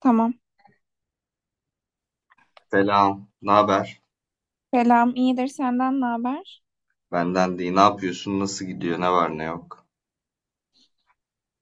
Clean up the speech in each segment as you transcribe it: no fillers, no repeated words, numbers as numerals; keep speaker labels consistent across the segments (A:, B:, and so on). A: Tamam.
B: Selam, ne haber?
A: Selam, iyidir. Senden ne haber?
B: Benden değil. Ne yapıyorsun? Nasıl gidiyor? Ne var ne yok?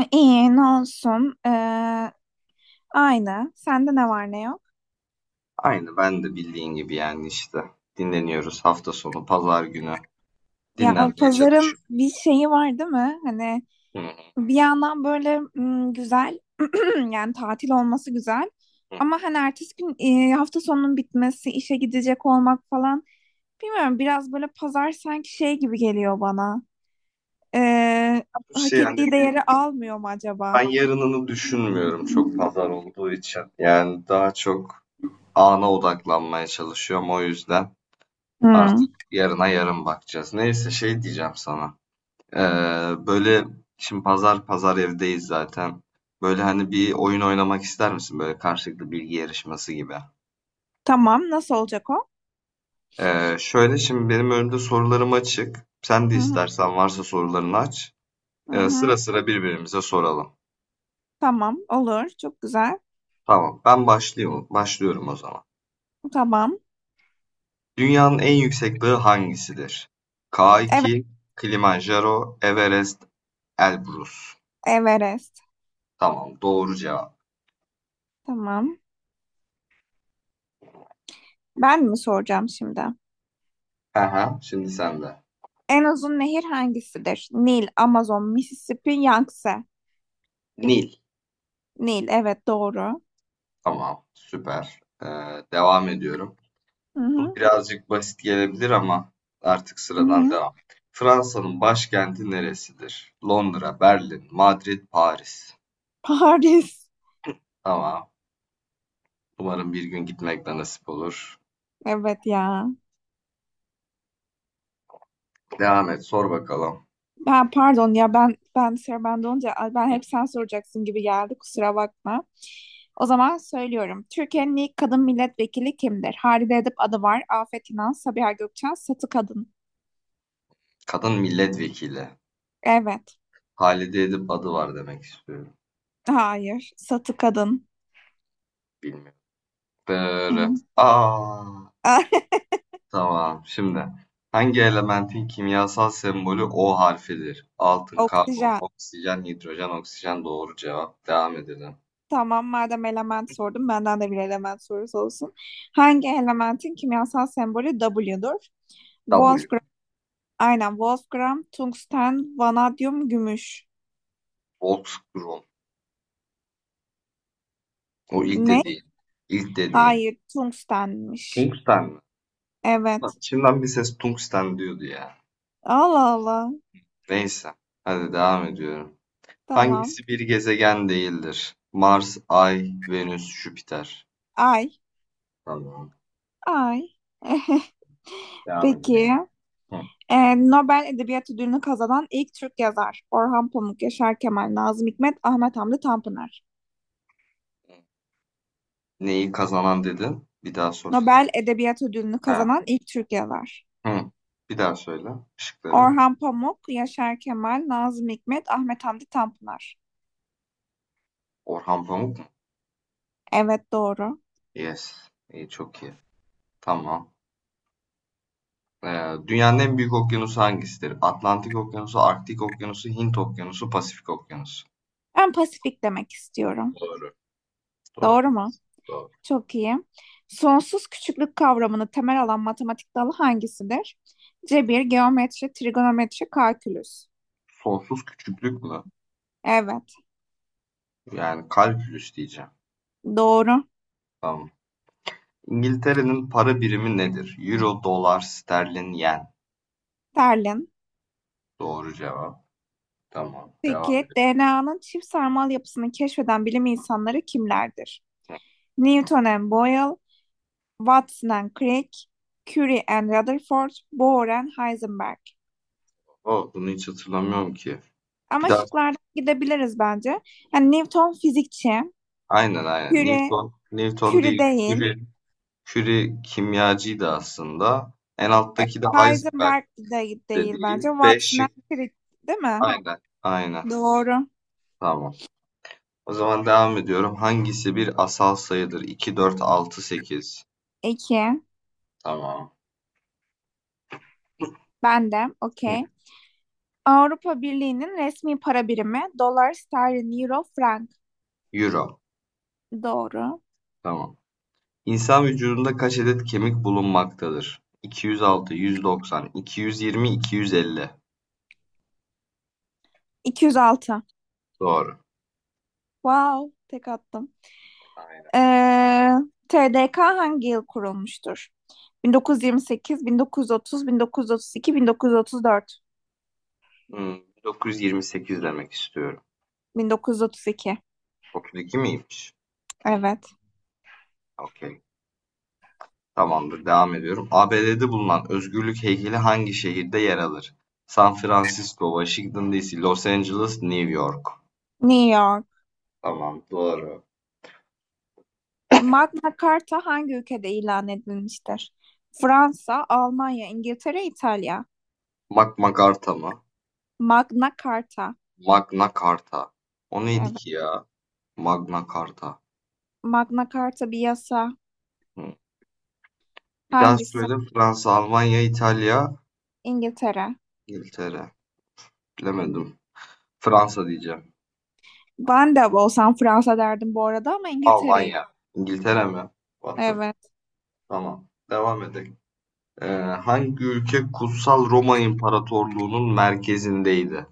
A: E, İyi, ne olsun. Aynı. Sende ne var ne yok?
B: Aynı ben de bildiğin gibi yani işte. Dinleniyoruz hafta sonu, pazar günü.
A: Ya
B: Dinlenmeye
A: pazarın
B: çalışıyorum.
A: bir şeyi var değil mi? Hani
B: Hı hı
A: bir yandan böyle güzel, yani tatil olması güzel.
B: hı.
A: Ama hani ertesi gün hafta sonunun bitmesi, işe gidecek olmak falan. Bilmiyorum, biraz böyle pazar sanki şey gibi geliyor bana. Ee, Hak
B: Şey hani
A: ettiği değeri almıyor mu acaba?
B: ben yarınını düşünmüyorum çok pazar olduğu için. Yani daha çok ana odaklanmaya çalışıyorum o yüzden. Artık
A: Hmm.
B: yarına yarın bakacağız. Neyse şey diyeceğim sana. Ee, Böyle şimdi pazar pazar evdeyiz zaten. Böyle hani bir oyun oynamak ister misin? Böyle karşılıklı bilgi yarışması gibi.
A: Tamam, nasıl olacak o?
B: Şöyle şimdi benim önümde sorularım açık. Sen de
A: Hı hı.
B: istersen varsa sorularını aç.
A: hı
B: Sıra
A: hı.
B: sıra birbirimize soralım.
A: Tamam, olur. Çok güzel.
B: Tamam, ben başlıyorum. Başlıyorum o zaman.
A: Tamam.
B: Dünyanın en yüksek dağı hangisidir?
A: Evet,
B: K2, Kilimanjaro, Everest, Elbrus.
A: Everest.
B: Tamam, doğru cevap.
A: Tamam. Ben mi soracağım şimdi?
B: Aha, şimdi sende.
A: En uzun nehir hangisidir? Nil, Amazon, Mississippi, Yangtze.
B: Nil.
A: Nil, evet doğru.
B: Tamam, süper. Devam ediyorum.
A: Hı
B: Bu
A: hı.
B: birazcık basit gelebilir ama artık
A: Hı
B: sıradan
A: hı.
B: devam. Fransa'nın başkenti neresidir? Londra, Berlin, Madrid, Paris.
A: Paris.
B: Tamam. Umarım bir gün gitmek de nasip olur.
A: Evet ya.
B: Devam et, sor bakalım.
A: Ben pardon ya, ben sıra bende olunca ay, ben hep sen soracaksın gibi geldi. Kusura bakma. O zaman söylüyorum. Türkiye'nin ilk kadın milletvekili kimdir? Halide Edip Adıvar, Afet İnan, Sabiha Gökçen, Satı Kadın.
B: Kadın milletvekili.
A: Evet.
B: Halide Edip adı var demek istiyorum.
A: Hayır. Satı kadın.
B: Bilmiyorum.
A: Hı.
B: Dırı. Aa, tamam. Şimdi hangi elementin kimyasal sembolü O harfidir? Altın, karbon,
A: Oksijen.
B: oksijen, hidrojen, oksijen doğru cevap. Devam edelim.
A: Tamam, madem element sordum, benden de bir element sorusu olsun. Hangi elementin kimyasal sembolü W'dur?
B: W.
A: Wolfgram. Aynen, Wolfgram, tungsten, vanadyum, gümüş.
B: Voltgren. O ilk
A: Ne?
B: dediğin. İlk dediğin.
A: Hayır, tungstenmiş.
B: Tungsten mi? Lan
A: Evet.
B: içimden bir ses tungsten diyordu ya.
A: Allah Allah.
B: Neyse. Hadi devam ediyorum.
A: Tamam.
B: Hangisi bir gezegen değildir? Mars, Ay, Venüs, Jüpiter.
A: Ay.
B: Tamam.
A: Ay.
B: Devam
A: Peki.
B: edelim. Hı.
A: Nobel Edebiyat Ödülünü kazanan ilk Türk yazar. Orhan Pamuk, Yaşar Kemal, Nazım Hikmet, Ahmet Hamdi Tanpınar.
B: Neyi kazanan dedin? Bir daha sorsam.
A: Nobel Edebiyat Ödülünü
B: Ha.
A: kazanan ilk Türkiye var.
B: Hı, Bir daha söyle şıkları.
A: Orhan Pamuk, Yaşar Kemal, Nazım Hikmet, Ahmet Hamdi Tanpınar.
B: Orhan Pamuk mu?
A: Evet, doğru.
B: Yes. İyi, çok iyi. Tamam. Dünyanın en büyük okyanusu hangisidir? Atlantik Okyanusu, Arktik Okyanusu, Hint Okyanusu, Pasifik Okyanusu.
A: Ben Pasifik demek istiyorum.
B: Doğru. Doğru.
A: Doğru mu?
B: Doğru.
A: Çok iyi. Sonsuz küçüklük kavramını temel alan matematik dalı hangisidir? Cebir, geometri, trigonometri, kalkülüs.
B: Sonsuz küçüklük mü?
A: Evet,
B: Yani kalkülüs diyeceğim.
A: doğru.
B: Tamam. İngiltere'nin para birimi nedir? Euro, dolar, sterlin, yen.
A: Terlin.
B: Doğru cevap. Tamam. Devam
A: Peki,
B: edelim.
A: DNA'nın çift sarmal yapısını keşfeden bilim insanları kimlerdir? Newton and Boyle, Watson and Crick, Curie and Rutherford, Bohr and Heisenberg.
B: O, bunu hiç hatırlamıyorum ki. Bir
A: Ama
B: daha.
A: şıklardan gidebiliriz bence. Yani Newton fizikçi,
B: Aynen aynen.
A: Curie,
B: Newton, Newton
A: Curie
B: değil.
A: değil,
B: Curie. Curie kimyacıydı aslında. En
A: e,
B: alttaki de Heisenberg
A: Heisenberg de değil bence.
B: dediği. B
A: Watson and
B: şık.
A: Crick değil mi?
B: Aynen. Aynen.
A: Doğru.
B: Tamam. O zaman devam ediyorum. Hangisi bir asal sayıdır? 2, 4, 6, 8.
A: İki.
B: Tamam.
A: Ben de. Okey. Avrupa Birliği'nin resmi para birimi dolar, sterlin, euro, frank.
B: Euro.
A: Doğru.
B: Tamam. İnsan vücudunda kaç adet kemik bulunmaktadır? 206, 190, 220, 250.
A: 206.
B: Doğru.
A: Wow. Tek attım.
B: Aynen.
A: Ee, TDK hangi yıl kurulmuştur? 1928, 1930, 1932, 1934,
B: 928 demek istiyorum.
A: 1932.
B: 32 miymiş?
A: Evet.
B: Okey. Tamamdır, devam ediyorum. ABD'de bulunan Özgürlük heykeli hangi şehirde yer alır? San Francisco, Washington DC, Los Angeles, New York.
A: New York.
B: Tamam, doğru.
A: Magna Carta hangi ülkede ilan edilmiştir? Fransa, Almanya, İngiltere, İtalya.
B: Magna Carta mı?
A: Magna Carta.
B: Magna Carta. O neydi
A: Evet.
B: ki ya? Magna Carta.
A: Magna Carta bir yasa.
B: Hı. Bir daha
A: Hangisi?
B: söyle. Fransa, Almanya, İtalya,
A: İngiltere.
B: İngiltere. Bilemedim. Fransa diyeceğim.
A: Ben de olsam Fransa derdim bu arada, ama İngiltere'yim.
B: Almanya. İngiltere mi? What the-
A: Evet.
B: Tamam. Devam edelim. Ee, Hangi ülke Kutsal Roma İmparatorluğu'nun merkezindeydi?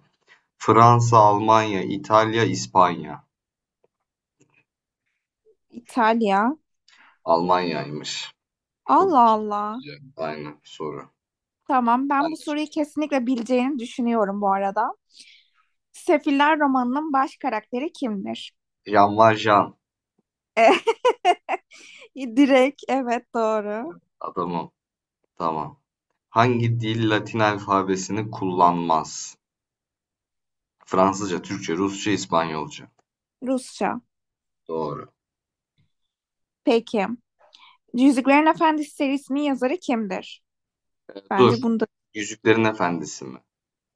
B: Fransa, Almanya, İtalya, İspanya.
A: İtalya.
B: Almanya'ymış. Çok
A: Allah Allah.
B: güzel. Aynen soru.
A: Tamam,
B: Ben
A: ben bu
B: de şey-
A: soruyu kesinlikle bileceğini düşünüyorum bu arada. Sefiller romanının baş karakteri kimdir?
B: Jan Jean Valjean
A: Eh, direkt, evet doğru.
B: adamım. Tamam. Hangi dil Latin alfabesini kullanmaz? Fransızca, Türkçe, Rusça, İspanyolca.
A: Rusça.
B: Doğru.
A: Peki. Yüzüklerin Efendisi serisinin yazarı kimdir?
B: Dur.
A: Bence bunda.
B: Yüzüklerin Efendisi mi?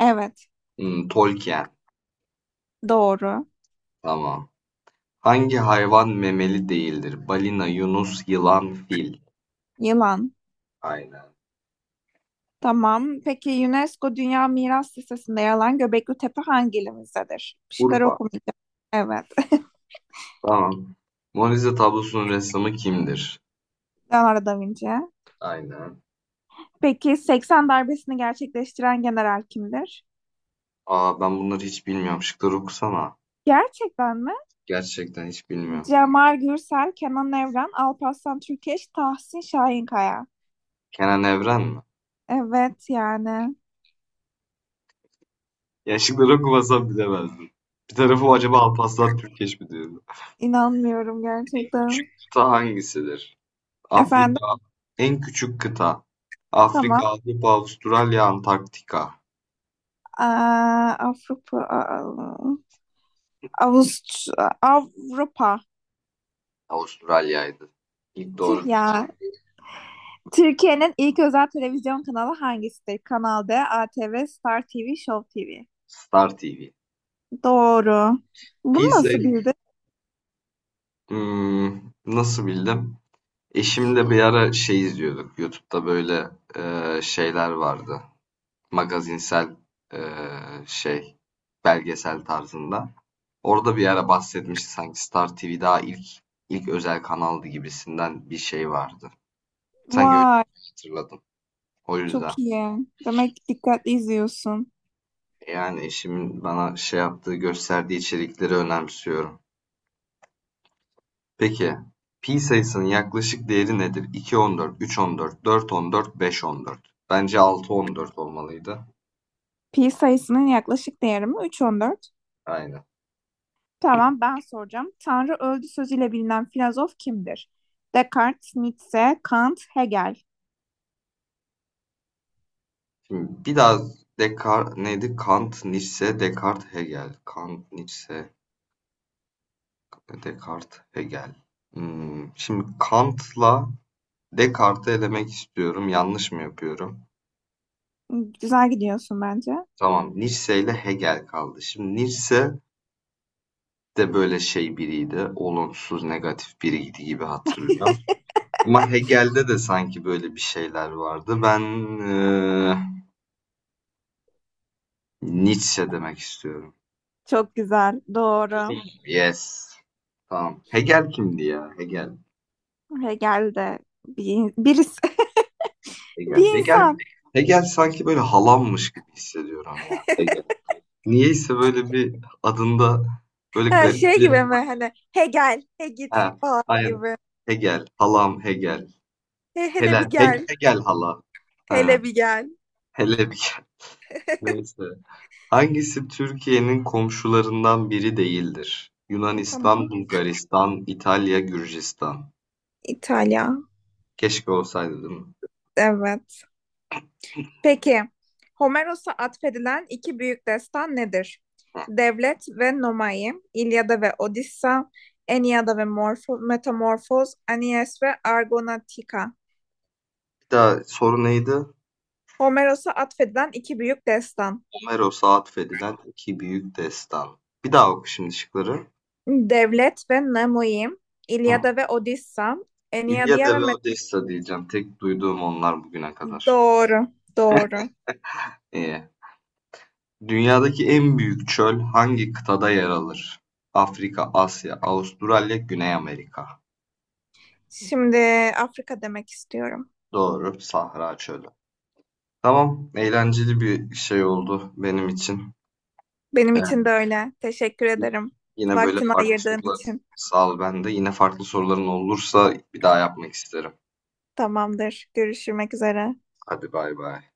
A: Evet,
B: Tolkien.
A: doğru.
B: Tamam. Hangi hayvan memeli değildir? Balina, yunus, yılan, fil.
A: Yılan.
B: Aynen.
A: Tamam. Peki, UNESCO Dünya Miras Listesi'nde yer alan Göbekli Tepe hangi ilimizdedir? Şıkları
B: Urfa.
A: okumayacağım. Evet.
B: Tamam. Mona Lisa tablosunun ressamı kimdir?
A: Leonardo da Vinci.
B: Aynen.
A: Peki, 80 darbesini gerçekleştiren general kimdir?
B: Aa, ben bunları hiç bilmiyorum. Şıkları okusana.
A: Gerçekten mi?
B: Gerçekten hiç bilmiyorum.
A: Cemal Gürsel, Kenan Evren, Alparslan Türkeş, Tahsin Şahinkaya.
B: Kenan Evren mi?
A: Evet yani.
B: Ya şıkları okumasam bilemezdim. Bir tarafı acaba Alparslan Türkeş mi diyordu?
A: İnanmıyorum gerçekten.
B: Küçük kıta hangisidir?
A: Efendim.
B: Afrika. En küçük kıta.
A: Tamam.
B: Afrika, Avrupa, Avustralya, Antarktika.
A: Aa, Avrupa, Avust- Avrupa.
B: Avustralya'ydı. İlk
A: Tüh
B: doğru diyeceğim.
A: ya. Türkiye'nin ilk özel televizyon kanalı hangisidir? Kanal D, ATV, Star TV, Show TV.
B: Star TV.
A: Doğru. Bunu
B: Pizza.
A: nasıl bildin?
B: Nasıl bildim? Eşimle bir ara şey izliyorduk. YouTube'da böyle şeyler vardı. Magazinsel, şey, belgesel tarzında. Orada bir ara bahsetmişti sanki Star TV daha ilk özel kanaldı gibisinden bir şey vardı. Sanki öyle
A: Vay,
B: hatırladım. O yüzden.
A: çok iyi. Demek ki dikkatli izliyorsun.
B: Yani eşimin bana şey yaptığı, gösterdiği içerikleri önemsiyorum. Peki, pi sayısının yaklaşık değeri nedir? 2,14, 3,14, 4,14, 5,14. Bence 6,14 olmalıydı.
A: Pi sayısının yaklaşık değeri mi? 3,14.
B: Aynen.
A: Tamam, ben soracağım. Tanrı öldü sözüyle bilinen filozof kimdir? Descartes, Nietzsche, Kant, Hegel.
B: Şimdi biraz Descartes neydi? Kant, Nietzsche, Descartes, Hegel. Kant, Nietzsche, Descartes, Hegel. Şimdi Kant'la Descartes'i elemek istiyorum. Yanlış mı yapıyorum?
A: Güzel gidiyorsun bence.
B: Tamam, Nietzsche ile Hegel kaldı. Şimdi Nietzsche de böyle şey biriydi. Olumsuz, negatif biriydi gibi hatırlıyorum. Ama Hegel'de de sanki böyle bir şeyler vardı. Ben eee, Nietzsche demek istiyorum.
A: Çok güzel. Doğru.
B: Yes. Tamam. Hegel kimdi ya? Hegel.
A: Hegel de bir, birisi,
B: Hegel.
A: bir
B: Hegel,
A: insan.
B: Hegel sanki böyle halammış gibi hissediyorum ya. Hegel. Niyeyse böyle bir adında böyle
A: Ha,
B: garip
A: şey gibi
B: bir...
A: mi hani, he gel git
B: Ha,
A: falan
B: aynen.
A: gibi.
B: Hegel, halam Hegel.
A: He, hele
B: Helen,
A: bir gel,
B: Hegel hala. Ha,
A: hele bir gel.
B: hele bir neyse. Hangisi Türkiye'nin komşularından biri değildir? Yunanistan,
A: Tamam.
B: Bulgaristan, İtalya, Gürcistan.
A: İtalya.
B: Keşke olsaydı değil mi?
A: Evet. Peki, Homeros'a atfedilen iki büyük destan nedir? Devlet ve Nomai, İlyada ve Odissa, Eniyada ve Metamorfoz, Anies ve Argonatika.
B: Bir daha soru neydi?
A: Homeros'a atfedilen iki büyük destan.
B: Homeros'a atfedilen iki büyük destan. Bir daha oku şimdi şıkları.
A: Devlet ve Nomai,
B: Hı.
A: İlyada ve Odissa, Eniyada
B: İlyada
A: ve
B: ve
A: Met.
B: Odessa diyeceğim. Tek duyduğum onlar bugüne kadar.
A: Doğru, doğru.
B: Ee, Dünyadaki en büyük çöl hangi kıtada yer alır? Afrika, Asya, Avustralya, Güney Amerika.
A: Şimdi Afrika demek istiyorum.
B: Doğru, Sahra Çölü. Tamam, eğlenceli bir şey oldu benim için.
A: Benim için de
B: Ee,
A: öyle. Teşekkür ederim.
B: Yine böyle
A: Vaktini
B: farklı
A: ayırdığın
B: sorular,
A: için.
B: sağ ol ben de. Yine farklı soruların olursa bir daha yapmak isterim.
A: Tamamdır. Görüşmek üzere.
B: Hadi bay bay.